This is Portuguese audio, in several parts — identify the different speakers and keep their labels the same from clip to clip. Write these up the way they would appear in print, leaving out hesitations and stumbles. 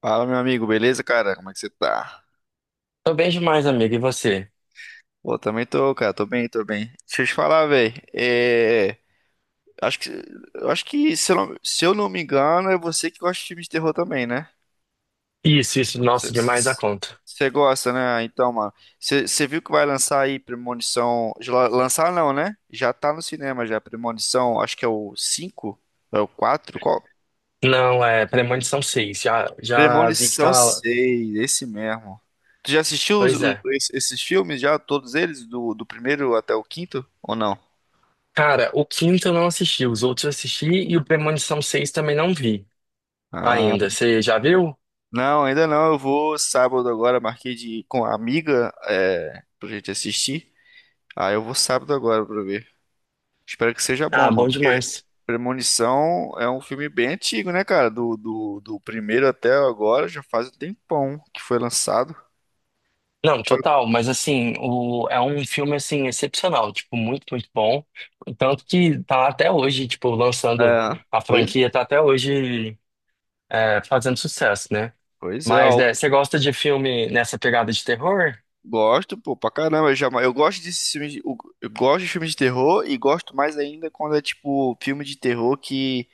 Speaker 1: Fala, meu amigo, beleza, cara? Como é que você tá?
Speaker 2: Tô bem demais, amigo. E você?
Speaker 1: Pô, também tô, cara, tô bem, tô bem. Deixa eu te falar, velho. Acho que, eu acho que se eu, não, se eu não me engano, é você que gosta de filme de terror também, né?
Speaker 2: Isso, nossa,
Speaker 1: Você
Speaker 2: demais a conta.
Speaker 1: você gosta, né? Então, mano, você viu que vai lançar aí Premonição. Lançar não, né? Já tá no cinema já, Premonição, acho que é o 5, é o 4?
Speaker 2: Não, é Premonição seis. Já vi que
Speaker 1: Premonição
Speaker 2: tá.
Speaker 1: seis, esse mesmo. Tu já assistiu
Speaker 2: Pois é.
Speaker 1: esses filmes já, todos eles, do primeiro até o quinto, ou não?
Speaker 2: Cara, o quinto eu não assisti, os outros eu assisti e o Premonição seis também não vi
Speaker 1: Ah,
Speaker 2: ainda. Você já viu?
Speaker 1: não, ainda não. Eu vou sábado agora, marquei de com a amiga é, pra gente assistir. Ah, eu vou sábado agora pra ver. Espero que seja bom,
Speaker 2: Ah, bom
Speaker 1: mano. Porque
Speaker 2: demais.
Speaker 1: Premonição é um filme bem antigo, né, cara? Do primeiro até agora já faz um tempão que foi lançado.
Speaker 2: Não,
Speaker 1: Deixa
Speaker 2: total, mas assim, é um filme assim excepcional, tipo, muito, muito bom. Tanto que tá até hoje, tipo, lançando
Speaker 1: É,
Speaker 2: a
Speaker 1: pois,
Speaker 2: franquia, tá até hoje fazendo sucesso, né?
Speaker 1: pois é,
Speaker 2: Mas
Speaker 1: ó.
Speaker 2: é, você gosta de filme nessa pegada de terror?
Speaker 1: Gosto, pô, pra caramba. Eu gosto desses filmes. Eu gosto de filmes de terror e gosto mais ainda quando é tipo filme de terror que,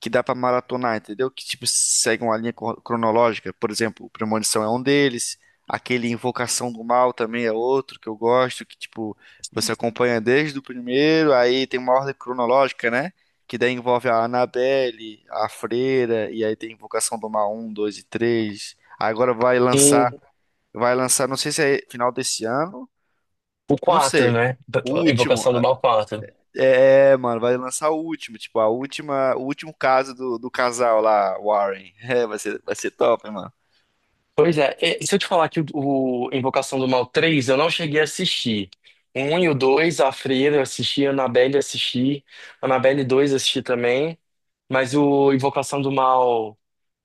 Speaker 1: que dá pra maratonar, entendeu? Que tipo segue uma linha cronológica. Por exemplo, Premonição é um deles. Aquele Invocação do Mal também é outro que eu gosto. Que tipo você acompanha desde o primeiro, aí tem uma ordem cronológica, né? Que daí envolve a Annabelle, a Freira, e aí tem Invocação do Mal um, 2 e três. Agora vai lançar.
Speaker 2: Sim,
Speaker 1: Vai lançar, não sei se é final desse ano,
Speaker 2: o
Speaker 1: não
Speaker 2: 4,
Speaker 1: sei.
Speaker 2: né?
Speaker 1: O último.
Speaker 2: Invocação do Mal Quatro.
Speaker 1: É, é, mano, vai lançar o último, tipo, a última, o último caso do casal lá, Warren. É, vai ser top, hein, mano.
Speaker 2: Pois é, e se eu te falar que o Invocação do Mal Três, eu não cheguei a assistir. O 1 e o 2, a Freira eu assisti, a Annabelle eu assisti, a Annabelle dois eu assisti também, mas o Invocação do Mal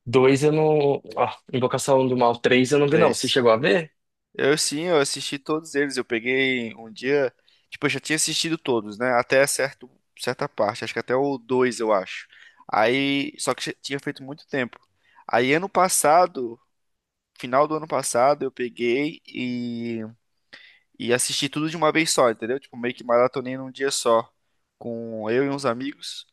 Speaker 2: Dois eu não. Ó, Invocação do Mal Três eu não vi, não. Você
Speaker 1: Três.
Speaker 2: chegou a ver?
Speaker 1: Eu sim, eu assisti todos eles. Eu peguei um dia, tipo, eu já tinha assistido todos, né? Até certa parte, acho que até o dois, eu acho. Aí, só que já tinha feito muito tempo. Aí ano passado, final do ano passado, eu peguei e assisti tudo de uma vez só, entendeu? Tipo, meio que maratonei num dia só, com eu e uns amigos.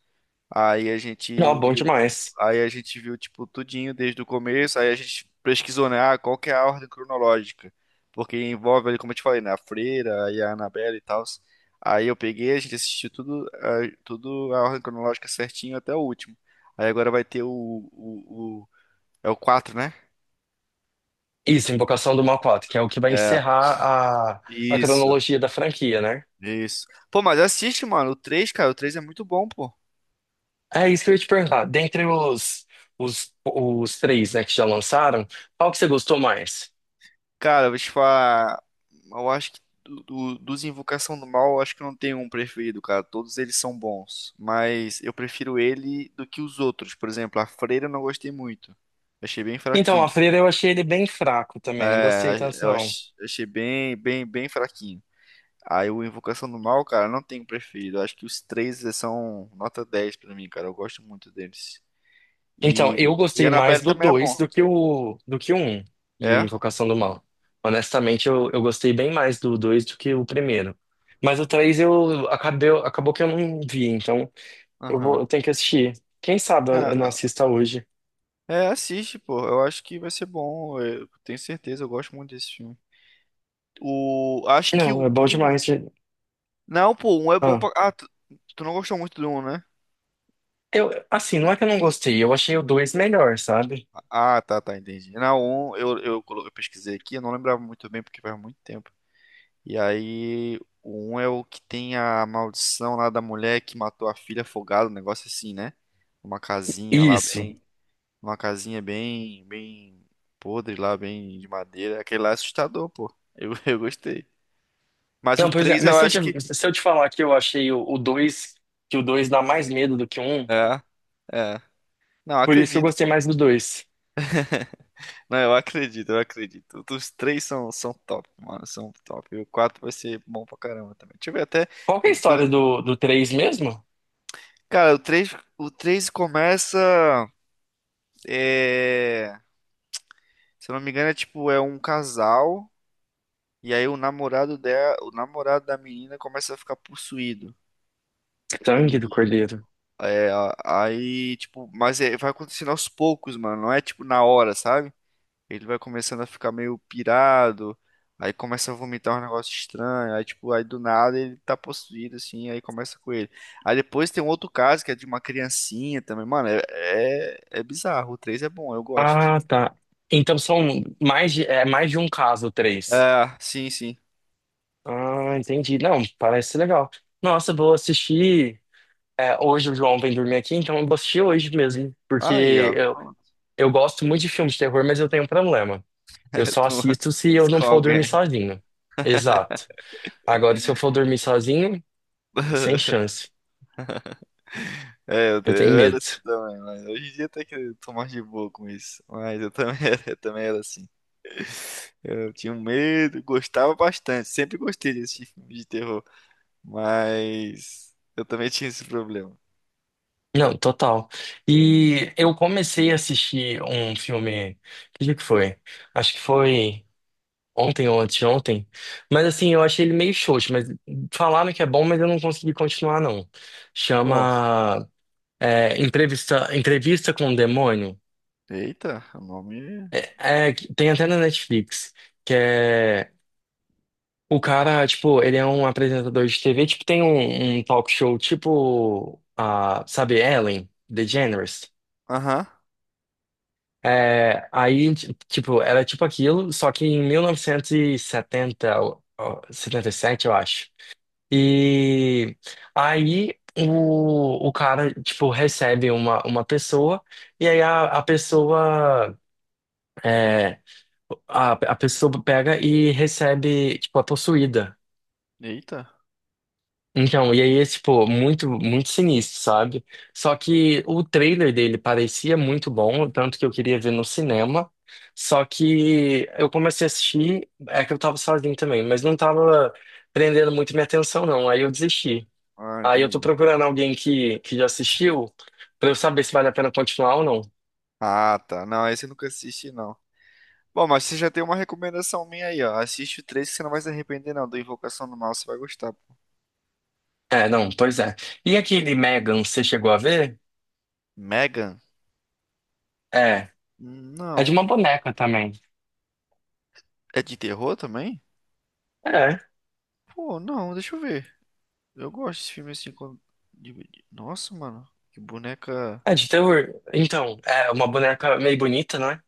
Speaker 1: Aí a gente
Speaker 2: Não, bom
Speaker 1: viu,
Speaker 2: demais.
Speaker 1: aí a gente viu tipo tudinho desde o começo, aí a gente pesquisou, né, ah, qual que é a ordem cronológica? Porque envolve ali, como eu te falei, né, a Freira, aí a Annabelle e tal. Aí eu peguei, a gente assistiu tudo, ah, tudo a ordem cronológica certinho até o último. Aí agora vai ter é o quatro, né?
Speaker 2: Isso, Invocação do Mal quatro, que é o que vai
Speaker 1: É.
Speaker 2: encerrar a
Speaker 1: Isso.
Speaker 2: cronologia da franquia, né?
Speaker 1: Isso. Pô, mas assiste, mano. O três, cara. O 3 é muito bom, pô.
Speaker 2: É isso que eu ia te perguntar. Dentre os três, né, que já lançaram, qual que você gostou mais?
Speaker 1: Cara, eu vou te falar. Eu acho que dos Invocação do Mal, eu acho que não tenho um preferido, cara. Todos eles são bons. Mas eu prefiro ele do que os outros. Por exemplo, a Freira eu não gostei muito. Achei bem
Speaker 2: Então,
Speaker 1: fraquinho.
Speaker 2: a Freira eu achei ele bem fraco também, não gostei
Speaker 1: É,
Speaker 2: tanto não.
Speaker 1: achei bem fraquinho. Aí o Invocação do Mal, cara, não tenho um preferido. Eu acho que os três são nota 10 pra mim, cara. Eu gosto muito deles.
Speaker 2: Então, eu
Speaker 1: E
Speaker 2: gostei mais
Speaker 1: Annabelle
Speaker 2: do
Speaker 1: também é
Speaker 2: 2
Speaker 1: bom.
Speaker 2: do que o um, de
Speaker 1: É?
Speaker 2: Invocação do Mal. Honestamente, eu gostei bem mais do 2 do que o primeiro. Mas o 3 acabou que eu não vi, então
Speaker 1: Aham.
Speaker 2: eu tenho que assistir. Quem sabe eu não assista hoje.
Speaker 1: É, assiste, pô. Eu acho que vai ser bom. Eu tenho certeza, eu gosto muito desse filme. O. Acho que o.
Speaker 2: Não, é bom demais.
Speaker 1: Não, pô, um é bom
Speaker 2: Ah,
Speaker 1: pra. Ah, tu, tu não gostou muito do um, né?
Speaker 2: eu, assim, não é que eu não gostei, eu achei o 2 melhor, sabe?
Speaker 1: Ah, tá, tá, entendi. Não, um eu pesquisei aqui, eu não lembrava muito bem porque faz muito tempo. E aí, o um é o que tem a maldição lá da mulher que matou a filha afogada, um negócio assim, né? Uma casinha lá
Speaker 2: Isso.
Speaker 1: bem. Uma casinha bem podre lá, bem de madeira. Aquele lá é assustador, pô. Eu, eu gostei. Mas o
Speaker 2: Não, pois é,
Speaker 1: 3
Speaker 2: mas
Speaker 1: eu
Speaker 2: se eu
Speaker 1: acho que.
Speaker 2: te, se eu te falar que eu achei o 2 que o 2 dá mais medo do que o 1,
Speaker 1: É, é. Não, eu
Speaker 2: por isso eu
Speaker 1: acredito,
Speaker 2: gostei
Speaker 1: pô.
Speaker 2: mais do dois.
Speaker 1: Não, eu acredito, eu acredito. Os três são, são top, mano. São top. E o 4 vai ser bom pra caramba também. Deixa eu ver até.
Speaker 2: Qual que é a história do três mesmo?
Speaker 1: Cara, o 3 começa. é, Se eu não me engano, é tipo, é um casal. E aí o namorado dela, o namorado da menina começa a ficar possuído.
Speaker 2: Sangue do
Speaker 1: E
Speaker 2: Cordeiro.
Speaker 1: é, aí, tipo, vai acontecendo aos poucos, mano. Não é tipo na hora, sabe? Ele vai começando a ficar meio pirado, aí começa a vomitar um negócio estranho, aí tipo, aí do nada ele tá possuído assim, aí começa com ele. Aí depois tem um outro caso que é de uma criancinha também, mano, é bizarro. O 3 é bom, eu gosto.
Speaker 2: Ah, tá. Então são é mais de um caso, três.
Speaker 1: É, sim, sim.
Speaker 2: Ah, entendi. Não, parece legal. Nossa, eu vou assistir. Hoje o João vem dormir aqui, então eu vou assistir hoje mesmo.
Speaker 1: Aí,
Speaker 2: Porque
Speaker 1: ó.
Speaker 2: eu gosto muito de filme de terror, mas eu tenho um problema. Eu só
Speaker 1: Tu não-
Speaker 2: assisto se eu não
Speaker 1: Com
Speaker 2: for dormir
Speaker 1: alguém.
Speaker 2: sozinho. Exato. Agora, se eu for dormir sozinho, sem chance.
Speaker 1: É,
Speaker 2: Eu tenho
Speaker 1: eu era
Speaker 2: medo.
Speaker 1: assim também, mas hoje em dia até que eu tô mais de boa com isso. Mas eu também era, eu também era assim. Eu tinha um medo, gostava bastante, sempre gostei desse filme de terror. Mas eu também tinha esse problema.
Speaker 2: Não, total. E eu comecei a assistir um filme. Que dia que foi? Acho que foi ontem ou anteontem. Mas assim, eu achei ele meio xoxo. Mas falaram que é bom, mas eu não consegui continuar, não.
Speaker 1: Qual?
Speaker 2: Chama. Entrevista com o Demônio.
Speaker 1: Eita, o nome.
Speaker 2: É, é, tem até na Netflix, que é. O cara, tipo, ele é um apresentador de TV, tipo, tem um talk show, tipo, sabe, Ellen DeGeneres.
Speaker 1: Aham.
Speaker 2: É, aí, tipo, era tipo aquilo, só que em 1970, ó, ó, 77 eu acho. E aí o cara, tipo, recebe uma pessoa, e aí a pessoa. é, a pessoa pega e recebe, tipo, a possuída.
Speaker 1: Eita.
Speaker 2: Então, e aí é, tipo, muito, muito sinistro, sabe? Só que o trailer dele parecia muito bom, tanto que eu queria ver no cinema. Só que eu comecei a assistir, é que eu tava sozinho também, mas não tava prendendo muito minha atenção, não. Aí eu desisti.
Speaker 1: Ah,
Speaker 2: Aí eu tô
Speaker 1: entendi.
Speaker 2: procurando alguém que já assistiu, pra eu saber se vale a pena continuar ou não.
Speaker 1: Ah, tá. Não, esse eu nunca assisti, não. Bom, mas você já tem uma recomendação minha aí, ó. Assiste o 3 que você não vai se arrepender, não. Do Invocação do Mal, você vai gostar, pô.
Speaker 2: É, não, pois é. E aquele Megan, você chegou a ver?
Speaker 1: Megan?
Speaker 2: É, é de
Speaker 1: Não.
Speaker 2: uma boneca também.
Speaker 1: É de terror também?
Speaker 2: É,
Speaker 1: Pô, não, deixa eu ver. Eu gosto desse filme assim. Nossa, mano. Que boneca.
Speaker 2: é de terror. Então, é uma boneca meio bonita, não é?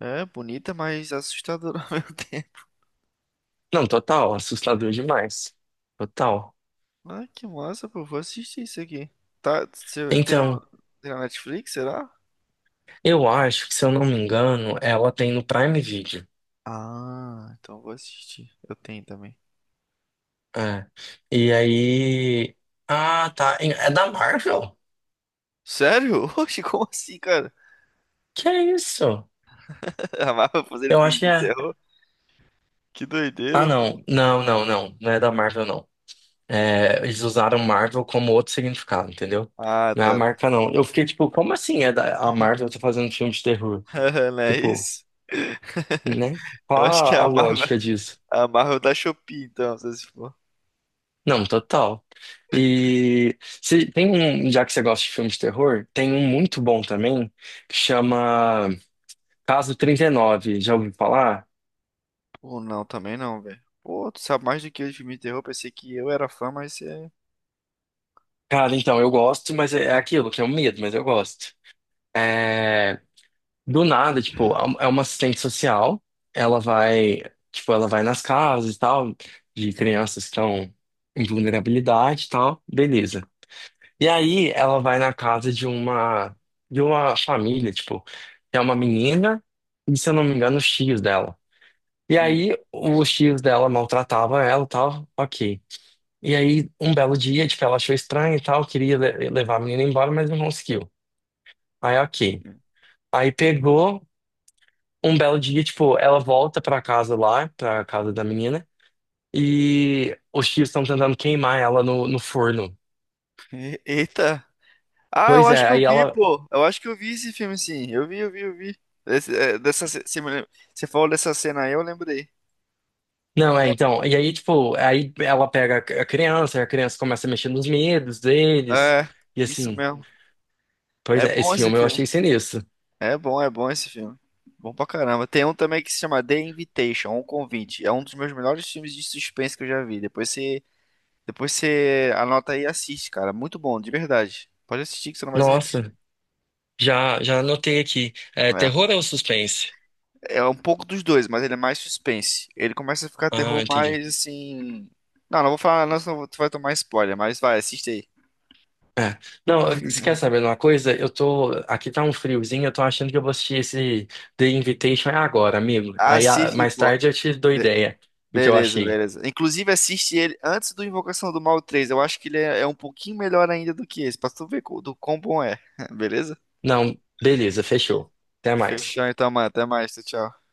Speaker 1: É, bonita, mas assustadora ao mesmo tempo.
Speaker 2: Não, total, assustador demais. Total.
Speaker 1: Ah, que massa, pô. Vou assistir isso aqui. Tá, você tem
Speaker 2: Então,
Speaker 1: no, tem na Netflix, será?
Speaker 2: eu acho que, se eu não me engano, ela tem no Prime Video.
Speaker 1: Ah, então vou assistir. Eu tenho também.
Speaker 2: É. E aí. Ah, tá. É da Marvel?
Speaker 1: Sério? Oxe, como assim, cara?
Speaker 2: Que é isso?
Speaker 1: A Marvel fazendo
Speaker 2: Eu acho
Speaker 1: filme
Speaker 2: que
Speaker 1: de
Speaker 2: é.
Speaker 1: terror? Que
Speaker 2: Ah,
Speaker 1: doideira, pô.
Speaker 2: não. Não, não, não. Não é da Marvel, não. É, eles usaram Marvel como outro significado, entendeu?
Speaker 1: Ah,
Speaker 2: Não é a
Speaker 1: tá,
Speaker 2: marca,
Speaker 1: tá.
Speaker 2: não. Eu fiquei tipo, como assim a Marvel tá fazendo filme de terror?
Speaker 1: Não é
Speaker 2: Tipo.
Speaker 1: isso?
Speaker 2: Né? Qual
Speaker 1: Eu acho que é
Speaker 2: a lógica disso?
Speaker 1: a Marvel da Shopee, então, se for.
Speaker 2: Não, total. E se, tem um, já que você gosta de filmes de terror, tem um muito bom também, que chama Caso 39. Já ouviu falar?
Speaker 1: Pô, não, também não, velho. Pô, tu sabe mais do que eu de filme de terror. Pensei que eu era fã, mas você... é-
Speaker 2: Cara, então, eu gosto, mas é aquilo, que é um medo, mas eu gosto. É, do nada, tipo, é uma assistente social, ela vai, tipo, ela vai nas casas e tal, de crianças que estão em vulnerabilidade e tal, beleza. E aí ela vai na casa de uma família, tipo, é uma menina e, se eu não me engano, os tios dela. E
Speaker 1: Hum.
Speaker 2: aí os tios dela maltratavam ela e tal, ok. E aí um belo dia, tipo, ela achou estranho e tal, queria levar a menina embora, mas não conseguiu. Aí ok.
Speaker 1: Hum.
Speaker 2: Aí pegou um belo dia, tipo, ela volta pra casa lá, pra casa da menina, e os tios estão tentando queimar ela no forno.
Speaker 1: Eita! Ah, eu
Speaker 2: Pois
Speaker 1: acho
Speaker 2: é,
Speaker 1: que eu
Speaker 2: aí
Speaker 1: vi,
Speaker 2: ela.
Speaker 1: pô. Eu acho que eu vi esse filme, sim. Eu vi, eu vi, eu vi. É, dessa, você falou dessa cena aí, eu lembrei.
Speaker 2: Não, é, então, e aí, tipo, aí ela pega a criança começa a mexer nos medos deles,
Speaker 1: É,
Speaker 2: e
Speaker 1: isso
Speaker 2: assim,
Speaker 1: mesmo.
Speaker 2: pois
Speaker 1: É
Speaker 2: é,
Speaker 1: bom
Speaker 2: esse
Speaker 1: esse
Speaker 2: filme eu
Speaker 1: filme.
Speaker 2: achei sinistro.
Speaker 1: É bom esse filme. Bom pra caramba. Tem um também que se chama The Invitation, Um Convite. É um dos meus melhores filmes de suspense que eu já vi. Depois você anota aí e assiste, cara. Muito bom, de verdade. Pode assistir que você não vai se arrepender.
Speaker 2: Nossa, já anotei aqui. É,
Speaker 1: É.
Speaker 2: terror ou suspense?
Speaker 1: É um pouco dos dois, mas ele é mais suspense. Ele começa a ficar
Speaker 2: Ah,
Speaker 1: terror mais
Speaker 2: entendi.
Speaker 1: assim. Não, não vou falar, não, senão tu vai tomar spoiler, mas vai, assiste aí.
Speaker 2: É. Não, você quer saber de uma coisa? Aqui tá um friozinho, eu tô achando que eu vou assistir esse The Invitation agora, amigo. Aí,
Speaker 1: Assiste,
Speaker 2: mais
Speaker 1: pô.
Speaker 2: tarde eu te dou
Speaker 1: Be-
Speaker 2: ideia do que eu
Speaker 1: beleza,
Speaker 2: achei.
Speaker 1: beleza. Inclusive, assiste ele antes do Invocação do Mal 3. Eu acho que ele é um pouquinho melhor ainda do que esse, pra tu ver do quão bom é. Beleza?
Speaker 2: Não, beleza, fechou. Até mais.
Speaker 1: Fechou então, mano. Até mais. Tchau, tchau.